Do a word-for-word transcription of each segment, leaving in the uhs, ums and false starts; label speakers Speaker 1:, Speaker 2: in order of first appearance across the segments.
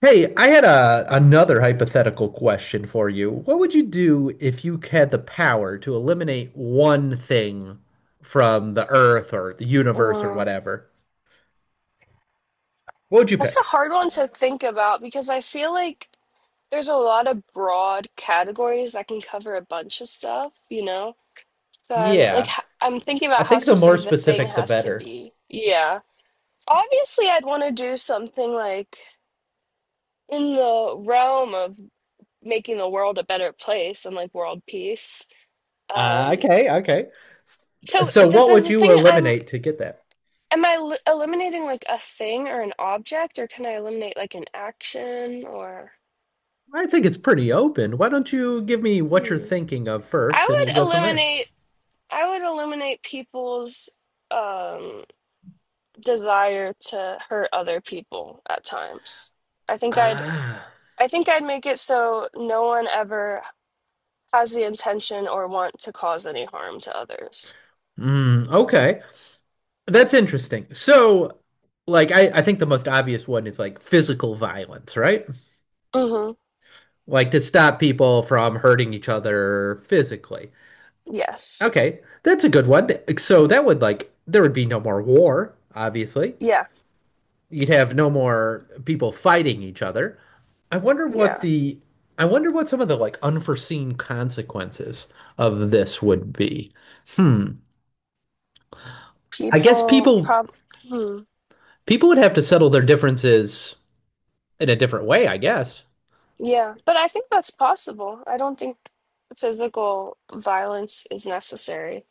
Speaker 1: Hey, I had a another hypothetical question for you. What would you do if you had the power to eliminate one thing from the earth or the universe or
Speaker 2: Mm,
Speaker 1: whatever? What would you
Speaker 2: that's a
Speaker 1: pick?
Speaker 2: hard one to think about because I feel like there's a lot of broad categories that can cover a bunch of stuff, you know? So I'm like,
Speaker 1: Yeah,
Speaker 2: h- I'm thinking
Speaker 1: I
Speaker 2: about how
Speaker 1: think the more
Speaker 2: specific the thing
Speaker 1: specific, the
Speaker 2: has to
Speaker 1: better.
Speaker 2: be. Yeah. Obviously, I'd want to do something like in the realm of making the world a better place and like world peace.
Speaker 1: Uh,
Speaker 2: Um,
Speaker 1: okay, okay.
Speaker 2: so
Speaker 1: So
Speaker 2: d
Speaker 1: what
Speaker 2: does
Speaker 1: would
Speaker 2: the
Speaker 1: you
Speaker 2: thing I'm
Speaker 1: eliminate to get that?
Speaker 2: am I l eliminating like a thing or an object, or can I eliminate like an action or?
Speaker 1: I think it's pretty open. Why don't you give me what you're
Speaker 2: Hmm.
Speaker 1: thinking of
Speaker 2: I
Speaker 1: first, and we'll
Speaker 2: would
Speaker 1: go from there.
Speaker 2: eliminate I would eliminate people's um desire to hurt other people at times. I think I'd
Speaker 1: Ah,
Speaker 2: I think I'd make it so no one ever has the intention or want to cause any harm to others.
Speaker 1: mm, okay. That's interesting. So, like, I, I think the most obvious one is like physical violence, right?
Speaker 2: Mhm.
Speaker 1: Like to stop people from hurting each other physically.
Speaker 2: Yes.
Speaker 1: Okay, that's a good one. So that would like there would be no more war, obviously.
Speaker 2: Yeah.
Speaker 1: You'd have no more people fighting each other. I wonder what
Speaker 2: Yeah.
Speaker 1: the I wonder what some of the like unforeseen consequences of this would be. Hmm. I guess
Speaker 2: People
Speaker 1: people
Speaker 2: prob Hmm.
Speaker 1: people would have to settle their differences in a different way, I guess.
Speaker 2: Yeah, but I think that's possible. I don't think physical violence is necessary.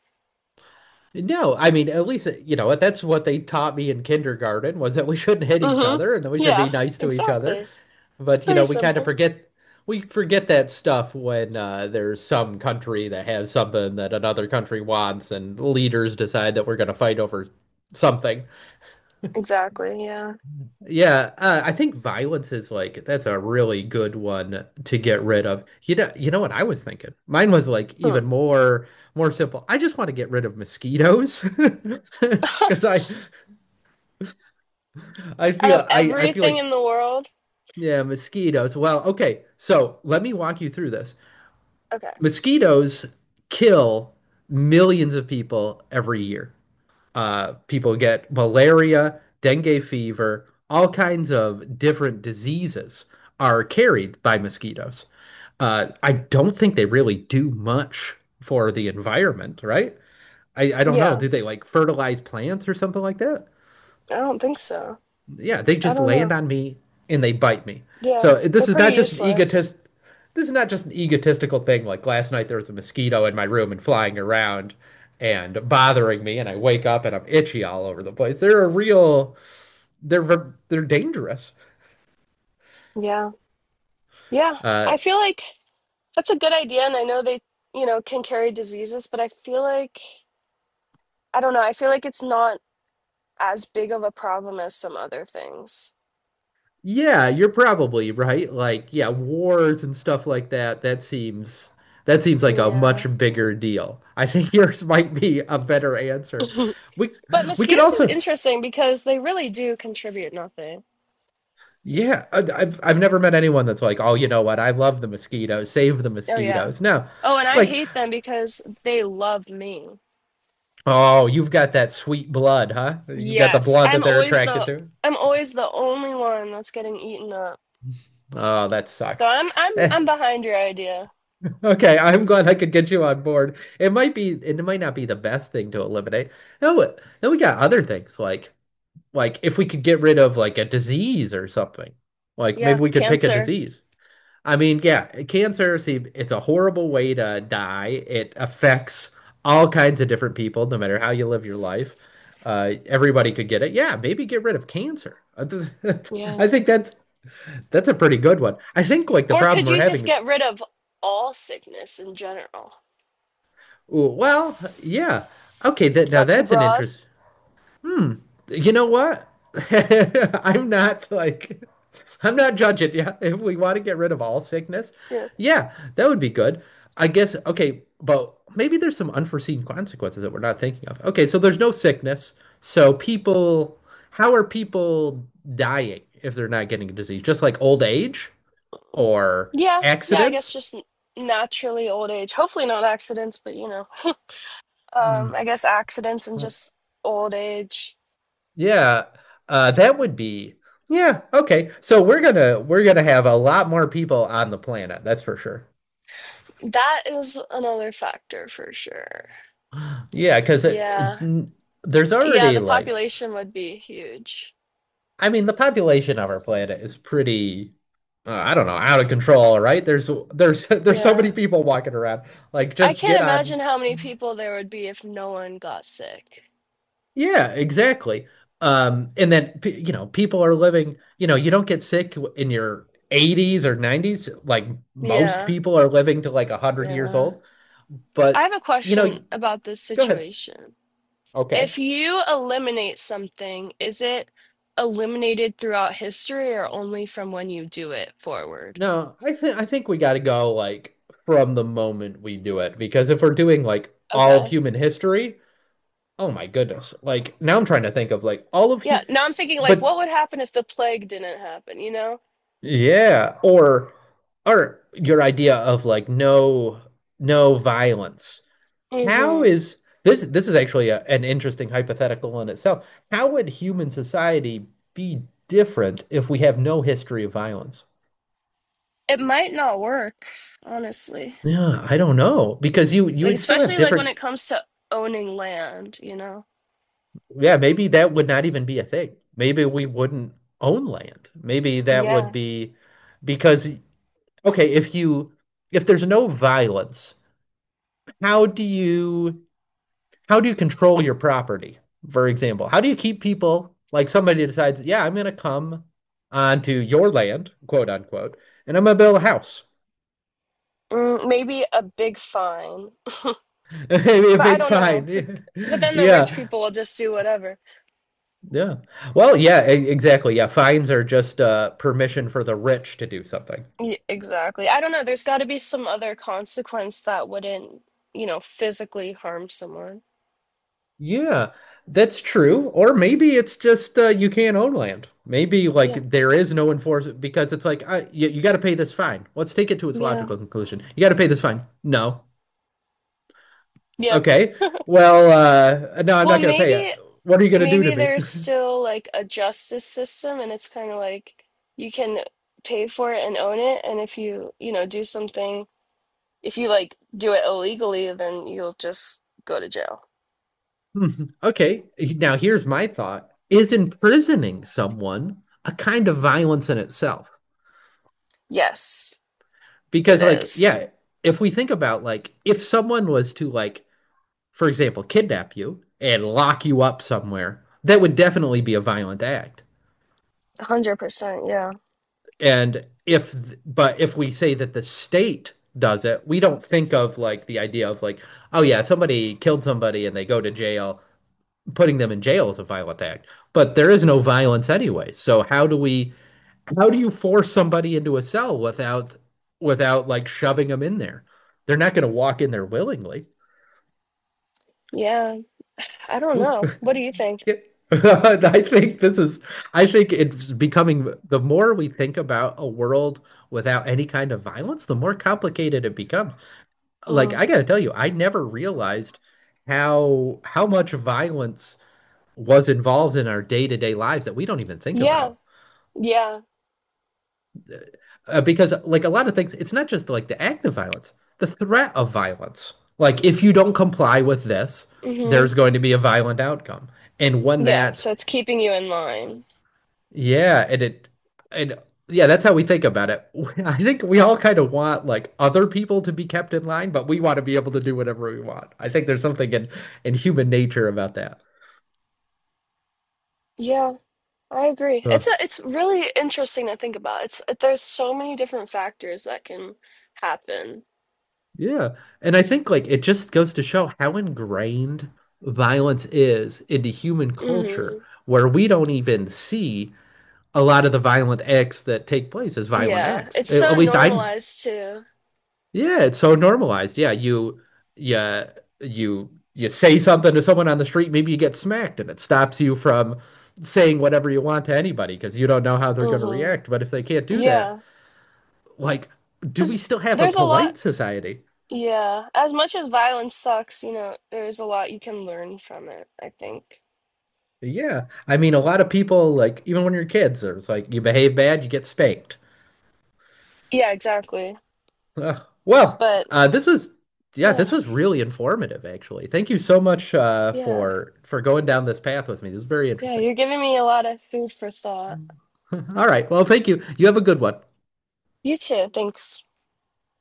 Speaker 1: No, I mean, at least, uh, you know, that's what they taught me in kindergarten was that we shouldn't hit each
Speaker 2: Mhm.
Speaker 1: other and that we should be
Speaker 2: Yeah,
Speaker 1: nice to each other.
Speaker 2: exactly. It's
Speaker 1: But, you know,
Speaker 2: pretty
Speaker 1: we kind of
Speaker 2: simple.
Speaker 1: forget we forget that stuff when uh, there's some country that has something that another country wants and leaders decide that we're going to fight over something.
Speaker 2: Exactly, yeah.
Speaker 1: Yeah, uh, I think violence is like that's a really good one to get rid of. You know, you know what I was thinking? Mine was like
Speaker 2: Hmm.
Speaker 1: even more more simple. I just want to get rid of mosquitoes because I I
Speaker 2: Out of
Speaker 1: feel I, I feel
Speaker 2: everything
Speaker 1: like
Speaker 2: in the world?
Speaker 1: yeah, mosquitoes. Well, okay. So let me walk you through this.
Speaker 2: Okay.
Speaker 1: Mosquitoes kill millions of people every year. Uh, people get malaria, dengue fever, all kinds of different diseases are carried by mosquitoes. Uh, I don't think they really do much for the environment, right? I, I don't know.
Speaker 2: Yeah,
Speaker 1: Do they like fertilize plants or something like that?
Speaker 2: I don't think so.
Speaker 1: Yeah, they
Speaker 2: I
Speaker 1: just
Speaker 2: don't
Speaker 1: land
Speaker 2: know.
Speaker 1: on me and they bite me.
Speaker 2: Yeah,
Speaker 1: So this
Speaker 2: they're
Speaker 1: is
Speaker 2: pretty
Speaker 1: not just an egotist.
Speaker 2: useless.
Speaker 1: This is not just an egotistical thing. Like last night, there was a mosquito in my room and flying around and bothering me, and I wake up and I'm itchy all over the place. They're a real. They're they're dangerous.
Speaker 2: Yeah. Yeah,
Speaker 1: Uh,
Speaker 2: I feel like that's a good idea, and I know they, you know, can carry diseases, but I feel like, I don't know, I feel like it's not as big of a problem as some other things.
Speaker 1: yeah, you're probably right. Like, yeah, wars and stuff like that. That seems that seems like a
Speaker 2: Yeah.
Speaker 1: much bigger deal. I think yours might be a better answer. We
Speaker 2: But
Speaker 1: we could
Speaker 2: mosquitoes is
Speaker 1: also
Speaker 2: interesting because they really do contribute nothing.
Speaker 1: Yeah, I- I've I've never met anyone that's like, oh, you know what? I love the mosquitoes. Save the
Speaker 2: Oh, yeah.
Speaker 1: mosquitoes. No,
Speaker 2: Oh, and I
Speaker 1: like,
Speaker 2: hate them because they love me.
Speaker 1: oh, you've got that sweet blood, huh? You've got the
Speaker 2: Yes,
Speaker 1: blood that
Speaker 2: I'm
Speaker 1: they're
Speaker 2: always
Speaker 1: attracted
Speaker 2: the
Speaker 1: to.
Speaker 2: I'm always the only one that's getting eaten up.
Speaker 1: Oh, that
Speaker 2: So
Speaker 1: sucks.
Speaker 2: I'm I'm
Speaker 1: Eh,
Speaker 2: I'm behind your idea.
Speaker 1: okay, I'm glad I could get you on board. It might be, it might not be the best thing to eliminate. No, uh, then we got other things like like if we could get rid of like a disease or something. Like maybe
Speaker 2: Yeah,
Speaker 1: we could pick a
Speaker 2: cancer.
Speaker 1: disease. I mean, yeah, cancer, see, it's a horrible way to die. It affects all kinds of different people, no matter how you live your life. Uh, everybody could get it. Yeah, maybe get rid of cancer. I
Speaker 2: Yeah.
Speaker 1: think that's that's a pretty good one. I think like the
Speaker 2: Or
Speaker 1: problem
Speaker 2: could
Speaker 1: we're
Speaker 2: you
Speaker 1: having
Speaker 2: just
Speaker 1: is,
Speaker 2: get rid of all sickness in general?
Speaker 1: ooh, well, yeah, okay, that
Speaker 2: Is
Speaker 1: now
Speaker 2: that too
Speaker 1: that's an
Speaker 2: broad?
Speaker 1: interest. Hmm. You know what? I'm not like I'm not judging. Yeah, if we want to get rid of all sickness,
Speaker 2: Yeah.
Speaker 1: yeah, that would be good. I guess okay, but maybe there's some unforeseen consequences that we're not thinking of. Okay, so there's no sickness. So people, how are people dying if they're not getting a disease? Just like old age or
Speaker 2: Yeah. Yeah, I guess
Speaker 1: accidents?
Speaker 2: just n- naturally old age. Hopefully not accidents, but you know. Um,
Speaker 1: Hmm.
Speaker 2: I guess accidents and just old age.
Speaker 1: Yeah, uh, that would be yeah, okay. So we're gonna we're gonna have a lot more people on the planet, that's for sure.
Speaker 2: That is another factor for sure.
Speaker 1: Yeah, because it,
Speaker 2: Yeah.
Speaker 1: it- there's
Speaker 2: Yeah,
Speaker 1: already
Speaker 2: the
Speaker 1: like
Speaker 2: population would be huge.
Speaker 1: I mean the population of our planet is pretty uh, I don't know, out of control, right? There's there's there's so many
Speaker 2: Yeah,
Speaker 1: people walking around. Like
Speaker 2: I
Speaker 1: just
Speaker 2: can't
Speaker 1: get on
Speaker 2: imagine how many people there would be if no one got sick.
Speaker 1: Yeah, exactly. Um, and then p- you know, people are living, you know, you don't get sick in your eighties or nineties, like most
Speaker 2: Yeah,
Speaker 1: people are living to like a hundred years
Speaker 2: yeah.
Speaker 1: old.
Speaker 2: I
Speaker 1: But
Speaker 2: have a
Speaker 1: you know,
Speaker 2: question about this
Speaker 1: go ahead.
Speaker 2: situation.
Speaker 1: Okay.
Speaker 2: If you eliminate something, is it eliminated throughout history or only from when you do it forward?
Speaker 1: No, I think I think we got to go like from the moment we do it because if we're doing like all of
Speaker 2: Okay.
Speaker 1: human history, oh my goodness. Like now I'm trying to think of like all of hu
Speaker 2: Yeah, now I'm thinking like
Speaker 1: but
Speaker 2: what would happen if the plague didn't happen, you know?
Speaker 1: yeah, or or your idea of like no no violence. How
Speaker 2: Hmm.
Speaker 1: is this this is actually a, an interesting hypothetical in itself. How would human society be different if we have no history of violence?
Speaker 2: It might not work, honestly.
Speaker 1: Yeah, I don't know because you you
Speaker 2: Like
Speaker 1: would still have
Speaker 2: especially like when
Speaker 1: different
Speaker 2: it comes to owning land, you know?
Speaker 1: yeah, maybe that would not even be a thing. Maybe we wouldn't own land. Maybe that would
Speaker 2: Yeah.
Speaker 1: be because okay, if you if there's no violence, how do you how do you control your property? For example, how do you keep people like somebody decides, yeah, I'm going to come onto your land, quote unquote, and I'm going to build a house.
Speaker 2: Mm, maybe a big fine.
Speaker 1: Maybe a
Speaker 2: But I
Speaker 1: big
Speaker 2: don't know. But,
Speaker 1: fine.
Speaker 2: but then the rich
Speaker 1: Yeah.
Speaker 2: people will just do whatever.
Speaker 1: Yeah. Well, yeah, e- exactly. Yeah, fines are just uh, permission for the rich to do something.
Speaker 2: Y Exactly. I don't know. There's got to be some other consequence that wouldn't, you know, physically harm someone.
Speaker 1: Yeah, that's true. Or maybe it's just uh, you can't own land. Maybe
Speaker 2: Yeah.
Speaker 1: like there is no enforcement because it's like uh, you, you got to pay this fine. Let's take it to its
Speaker 2: Yeah.
Speaker 1: logical conclusion. You got to pay this fine. No,
Speaker 2: Yeah.
Speaker 1: okay. Well, uh, no, I'm
Speaker 2: Well,
Speaker 1: not going to pay it.
Speaker 2: maybe
Speaker 1: What are you going to do to
Speaker 2: maybe
Speaker 1: me?
Speaker 2: there's still like a justice system and it's kind of like you can pay for it and own it and if you, you know, do something if you like do it illegally, then you'll just go to jail.
Speaker 1: Okay. Now, here's my thought. Is imprisoning someone a kind of violence in itself?
Speaker 2: Yes, it
Speaker 1: Because, like,
Speaker 2: is.
Speaker 1: yeah, if we think about, like, if someone was to, like, for example, kidnap you and lock you up somewhere, that would definitely be a violent act.
Speaker 2: one hundred percent. Yeah.
Speaker 1: And if, but if we say that the state does it, we don't think of, like, the idea of, like, oh, yeah, somebody killed somebody and they go to jail putting them in jail is a violent act, but there is no violence anyway. So how do we how do you force somebody into a cell without without like shoving them in there? They're not going to walk in there willingly.
Speaker 2: Yeah. I don't know. What do you think?
Speaker 1: Yeah. I think this is I think it's becoming the more we think about a world without any kind of violence, the more complicated it becomes. Like
Speaker 2: Mm.
Speaker 1: I got to tell you, I never realized how how much violence was involved in our day-to-day lives that we don't even think
Speaker 2: Yeah,
Speaker 1: about
Speaker 2: yeah.
Speaker 1: uh, because like a lot of things, it's not just like the act of violence, the threat of violence. Like if you don't comply with this, there's
Speaker 2: Hmm.
Speaker 1: going to be a violent outcome. And when
Speaker 2: Yeah,
Speaker 1: that,
Speaker 2: so it's keeping you in line.
Speaker 1: yeah, and it, and yeah, that's how we think about it. I think we all kind of want like other people to be kept in line, but we want to be able to do whatever we want. I think there's something in in human nature about that.
Speaker 2: Yeah, I agree.
Speaker 1: Uh,
Speaker 2: It's a, it's really interesting to think about. It's there's so many different factors that can happen.
Speaker 1: Yeah. And I think like it just goes to show how ingrained violence is into human culture,
Speaker 2: Hmm.
Speaker 1: where we don't even see a lot of the violent acts that take place as violent
Speaker 2: Yeah,
Speaker 1: acts.
Speaker 2: it's
Speaker 1: At at
Speaker 2: so
Speaker 1: least I,
Speaker 2: normalized too.
Speaker 1: yeah, it's so normalized. Yeah, you, yeah, you, you say something to someone on the street, maybe you get smacked, and it stops you from saying whatever you want to anybody because you don't know how they're going to
Speaker 2: Hmm.
Speaker 1: react. But if they can't do that,
Speaker 2: Yeah,
Speaker 1: like, do we
Speaker 2: because
Speaker 1: still have a
Speaker 2: there's a lot.
Speaker 1: polite society?
Speaker 2: Yeah, as much as violence sucks, you know, there's a lot you can learn from it, I think.
Speaker 1: Yeah, I mean, a lot of people like even when you're kids, it's like you behave bad, you get spanked.
Speaker 2: Yeah, exactly.
Speaker 1: Uh, well,
Speaker 2: But
Speaker 1: uh, this was yeah, this
Speaker 2: yeah,
Speaker 1: was really informative, actually. Thank you so much uh,
Speaker 2: yeah.
Speaker 1: for for going down this path with me. This is very
Speaker 2: Yeah,
Speaker 1: interesting.
Speaker 2: you're giving me a lot of food for thought.
Speaker 1: All right, well, thank you. You have a good one.
Speaker 2: You too. Thanks.